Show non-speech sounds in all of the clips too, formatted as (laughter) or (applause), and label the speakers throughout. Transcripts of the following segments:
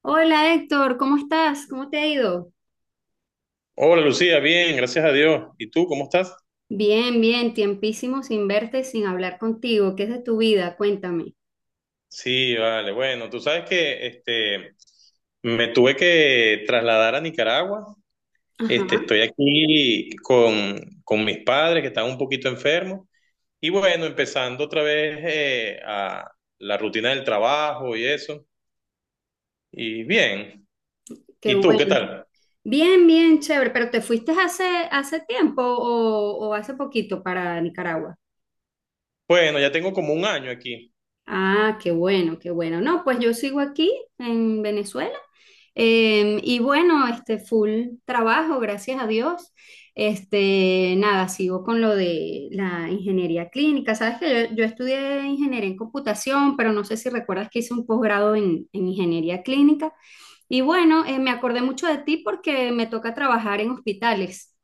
Speaker 1: Hola Héctor, ¿cómo estás? ¿Cómo te ha ido?
Speaker 2: Hola Lucía, bien, gracias a Dios. ¿Y tú cómo estás?
Speaker 1: Bien, bien, tiempísimo sin verte, sin hablar contigo. ¿Qué es de tu vida? Cuéntame.
Speaker 2: Sí, vale, bueno, tú sabes que me tuve que trasladar a Nicaragua.
Speaker 1: Ajá,
Speaker 2: Estoy aquí con mis padres que están un poquito enfermos. Y bueno, empezando otra vez a la rutina del trabajo y eso. Y bien.
Speaker 1: qué
Speaker 2: ¿Y tú qué
Speaker 1: bueno.
Speaker 2: tal?
Speaker 1: Bien, bien, chévere, pero ¿te fuiste hace tiempo o hace poquito para Nicaragua?
Speaker 2: Bueno, ya tengo como un año aquí.
Speaker 1: Ah, qué bueno, qué bueno. No, pues yo sigo aquí en Venezuela, y bueno, este, full trabajo, gracias a Dios. Este, nada, sigo con lo de la ingeniería clínica. Sabes que yo estudié ingeniería en computación, pero no sé si recuerdas que hice un posgrado en ingeniería clínica y bueno, me acordé mucho de ti porque me toca trabajar en hospitales.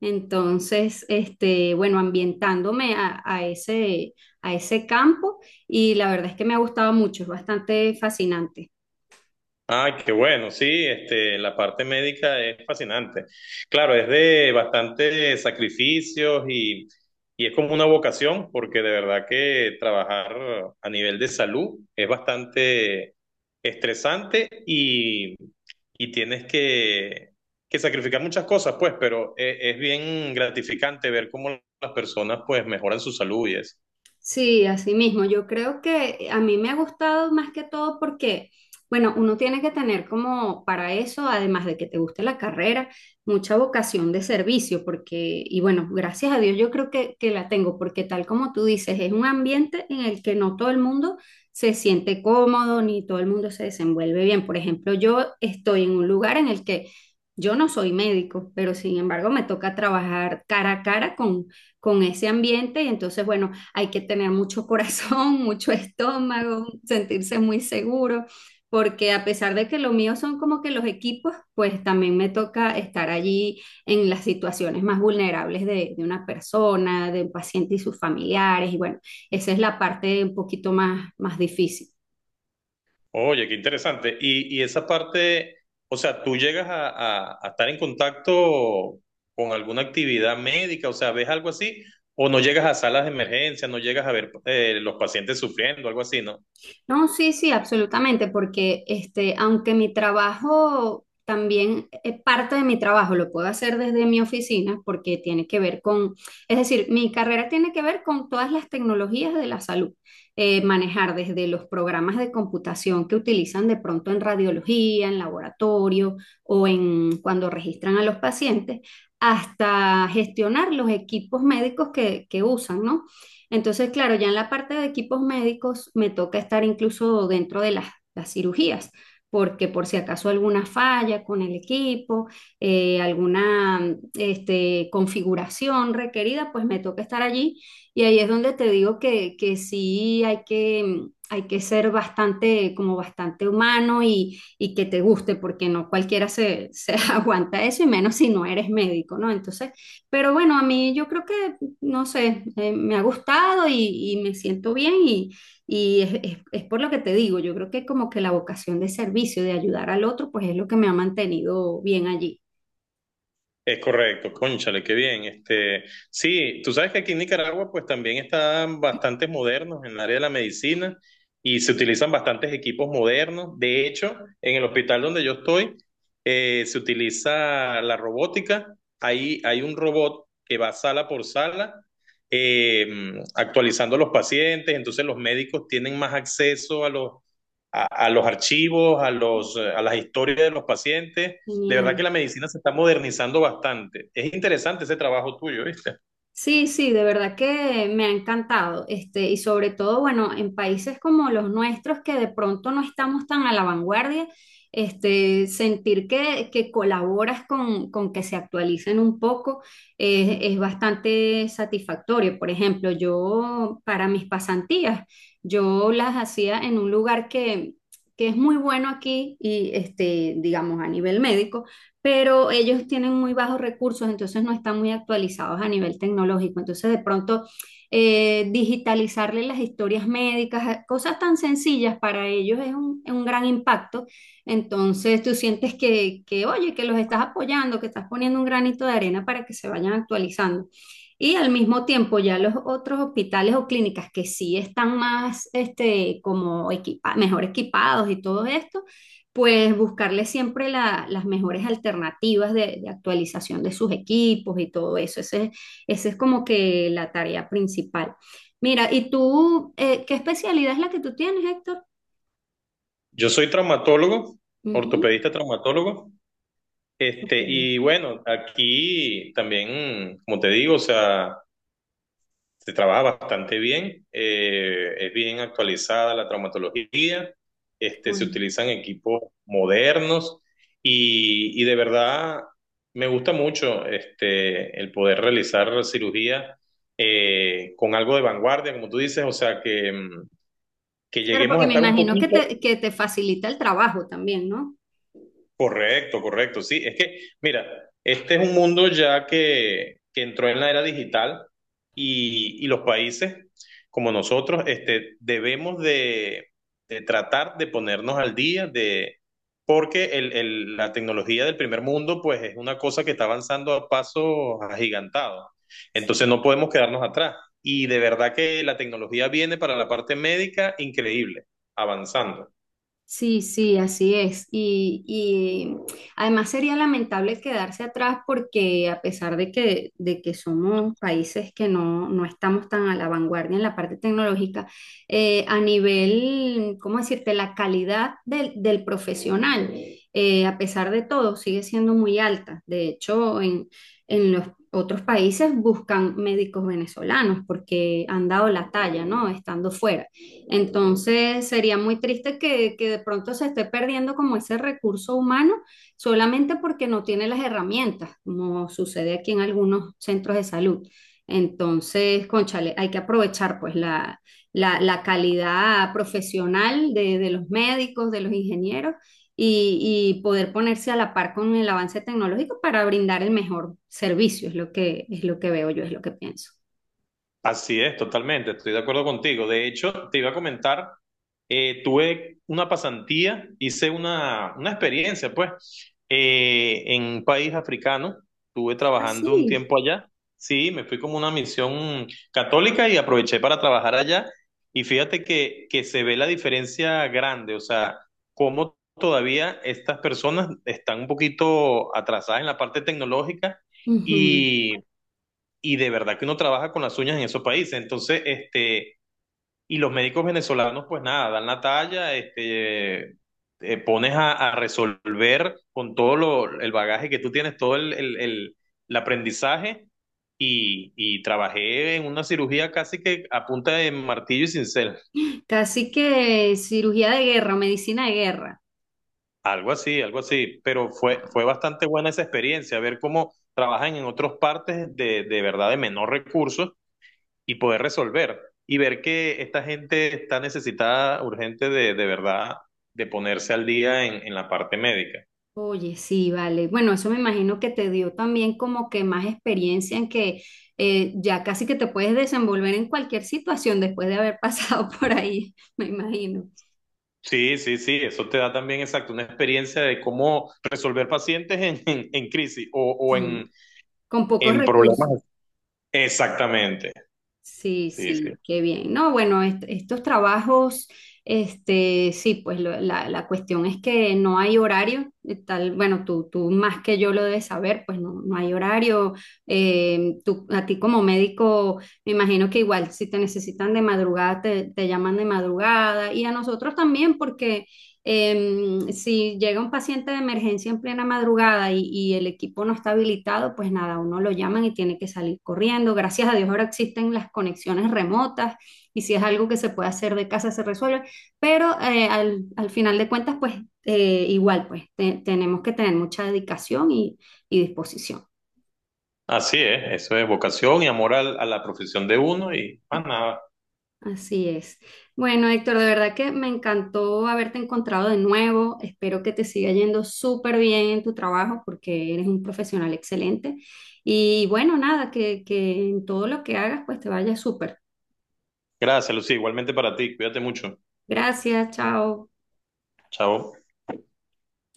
Speaker 1: Entonces, este, bueno, ambientándome a ese campo, y la verdad es que me ha gustado mucho, es bastante fascinante.
Speaker 2: Ay, qué bueno, sí, la parte médica es fascinante. Claro, es de bastante sacrificios y es como una vocación, porque de verdad que trabajar a nivel de salud es bastante estresante y, y tienes que sacrificar muchas cosas, pues, pero es, bien gratificante ver cómo las personas pues mejoran su salud y eso.
Speaker 1: Sí, así mismo. Yo creo que a mí me ha gustado más que todo porque, bueno, uno tiene que tener como para eso, además de que te guste la carrera, mucha vocación de servicio, porque, y bueno, gracias a Dios yo creo que la tengo, porque tal como tú dices, es un ambiente en el que no todo el mundo se siente cómodo ni todo el mundo se desenvuelve bien. Por ejemplo, yo estoy en un lugar en el que yo no soy médico, pero sin embargo me toca trabajar cara a cara con ese ambiente y entonces, bueno, hay que tener mucho (laughs) corazón, mucho estómago, sentirse muy seguro, porque a pesar de que lo mío son como que los equipos, pues también me toca estar allí en las situaciones más vulnerables de una persona, de un paciente y sus familiares, y bueno, esa es la parte un poquito más, más difícil.
Speaker 2: Oye, qué interesante. Y esa parte, o sea, tú llegas a, a estar en contacto con alguna actividad médica, o sea, ¿ves algo así? ¿O no llegas a salas de emergencia, no llegas a ver los pacientes sufriendo, algo así, ¿no?
Speaker 1: No, sí, sí, absolutamente, porque este, aunque mi trabajo también, parte de mi trabajo lo puedo hacer desde mi oficina porque tiene que ver con, es decir, mi carrera tiene que ver con todas las tecnologías de la salud. Manejar desde los programas de computación que utilizan de pronto en radiología, en laboratorio o en cuando registran a los pacientes, hasta gestionar los equipos médicos que usan, ¿no? Entonces, claro, ya en la parte de equipos médicos me toca estar incluso dentro de las cirugías, porque por si acaso alguna falla con el equipo, alguna este, configuración requerida, pues me toca estar allí. Y ahí es donde te digo que sí hay que ser bastante, como bastante humano y que te guste, porque no cualquiera se (laughs) aguanta eso, y menos si no eres médico, ¿no? Entonces, pero bueno, a mí yo creo que no sé, me ha gustado y me siento bien y es por lo que te digo, yo creo que como que la vocación de servicio, de ayudar al otro, pues es lo que me ha mantenido bien allí.
Speaker 2: Es correcto, cónchale, qué bien. Sí, tú sabes que aquí en Nicaragua pues también están bastantes modernos en el área de la medicina y se utilizan bastantes equipos modernos. De hecho, en el hospital donde yo estoy se utiliza la robótica. Ahí hay un robot que va sala por sala eh, actualizando a los pacientes. Entonces los médicos tienen más acceso a a los archivos, a a las historias de los pacientes. De verdad que
Speaker 1: Genial.
Speaker 2: la medicina se está modernizando bastante. Es interesante ese trabajo tuyo, ¿viste?
Speaker 1: Sí, sí, de verdad que me ha encantado, este, y sobre todo, bueno, en países como los nuestros que de pronto no estamos tan a la vanguardia, este, sentir que colaboras con que se actualicen un poco, es bastante satisfactorio. Por ejemplo, yo para mis pasantías, yo las hacía en un lugar que es muy bueno aquí y, este, digamos, a nivel médico, pero ellos tienen muy bajos recursos, entonces no están muy actualizados a nivel tecnológico. Entonces, de pronto, digitalizarle las historias médicas, cosas tan sencillas para ellos es un gran impacto. Entonces, tú sientes que, oye, que los estás apoyando, que estás poniendo un granito de arena para que se vayan actualizando. Y al mismo tiempo ya los otros hospitales o clínicas que sí están más este, como equipa- mejor equipados y todo esto, pues buscarle siempre la- las mejores alternativas de actualización de sus equipos y todo eso. Ese es como que la tarea principal. Mira, ¿y tú qué especialidad es la que tú tienes, Héctor?
Speaker 2: Yo soy traumatólogo,
Speaker 1: Ujú,
Speaker 2: ortopedista traumatólogo,
Speaker 1: ok,
Speaker 2: y bueno, aquí también, como te digo, o sea, se trabaja bastante bien, es bien actualizada la traumatología,
Speaker 1: qué
Speaker 2: se
Speaker 1: bueno.
Speaker 2: utilizan equipos modernos y de verdad me gusta mucho el poder realizar cirugía con algo de vanguardia, como tú dices, o sea, que
Speaker 1: Pero
Speaker 2: lleguemos
Speaker 1: porque
Speaker 2: a
Speaker 1: me
Speaker 2: estar un
Speaker 1: imagino
Speaker 2: poquito.
Speaker 1: que te facilita el trabajo también, ¿no?
Speaker 2: Correcto, correcto. Sí, es que, mira, este es un mundo ya que entró en la era digital y los países como nosotros debemos de tratar de ponernos al día de, porque la tecnología del primer mundo pues es una cosa que está avanzando a pasos agigantados. Entonces no podemos quedarnos atrás. Y de verdad que la tecnología viene para la parte médica increíble, avanzando.
Speaker 1: Sí, sí, así es. Y además sería lamentable quedarse atrás porque a pesar de que somos países que no, no estamos tan a la vanguardia en la parte tecnológica, a nivel, ¿cómo decirte?, la calidad del, del profesional, a pesar de todo, sigue siendo muy alta. De hecho, en los otros países buscan médicos venezolanos porque han dado la talla, ¿no?, estando fuera. Entonces sería muy triste que de pronto se esté perdiendo como ese recurso humano solamente porque no tiene las herramientas, como sucede aquí en algunos centros de salud. Entonces, cónchale, hay que aprovechar pues la calidad profesional de los médicos, de los ingenieros y poder ponerse a la par con el avance tecnológico para brindar el mejor servicio, es lo que veo yo, es lo que pienso.
Speaker 2: Así es, totalmente, estoy de acuerdo contigo. De hecho, te iba a comentar, tuve una pasantía, hice una experiencia, pues, en un país africano, estuve trabajando un
Speaker 1: Así.
Speaker 2: tiempo allá, sí, me fui como una misión católica y aproveché para trabajar allá y fíjate que se ve la diferencia grande, o sea, cómo todavía estas personas están un poquito atrasadas en la parte tecnológica. Y, y de verdad que uno trabaja con las uñas en esos países. Entonces, y los médicos venezolanos, pues nada, dan la talla, te pones a resolver con todo lo, el bagaje que tú tienes, todo el aprendizaje. Y trabajé en una cirugía casi que a punta de martillo y cincel,
Speaker 1: Casi que cirugía de guerra, medicina de guerra.
Speaker 2: algo así, pero
Speaker 1: Ah,
Speaker 2: fue bastante buena esa experiencia, ver cómo trabajan en otras partes de verdad de menor recursos y poder resolver y ver que esta gente está necesitada urgente de verdad de ponerse al día en la parte médica.
Speaker 1: oye, sí, vale. Bueno, eso me imagino que te dio también como que más experiencia en que ya casi que te puedes desenvolver en cualquier situación después de haber pasado (laughs) por ahí, me imagino.
Speaker 2: Sí, sí, sí, eso te da también exacto una experiencia de cómo resolver pacientes en, (laughs) en crisis
Speaker 1: Sí, con pocos
Speaker 2: en problemas.
Speaker 1: recursos.
Speaker 2: Exactamente,
Speaker 1: Sí,
Speaker 2: sí, sí.
Speaker 1: sí, qué bien. No, bueno, est- estos trabajos, este, sí, pues lo- la cuestión es que no hay horario, tal, bueno, tú más que yo lo debes saber, pues no, no hay horario. Tú, a ti como médico, me imagino que igual si te necesitan de madrugada, te llaman de madrugada, y a nosotros también, porque si llega un paciente de emergencia en plena madrugada y el equipo no está habilitado, pues nada, uno lo llaman y tiene que salir corriendo. Gracias a Dios ahora existen las conexiones remotas y si es algo que se puede hacer de casa se resuelve, pero al, al final de cuentas, pues igual, pues te- tenemos que tener mucha dedicación y disposición.
Speaker 2: Así es, eso es vocación y amor a la profesión de uno y más nada.
Speaker 1: Así es. Bueno, Héctor, de verdad que me encantó haberte encontrado de nuevo. Espero que te siga yendo súper bien en tu trabajo porque eres un profesional excelente. Y bueno, nada, que en todo lo que hagas pues te vaya súper.
Speaker 2: Gracias, Lucía, igualmente para ti, cuídate mucho.
Speaker 1: Gracias, chao.
Speaker 2: Chao.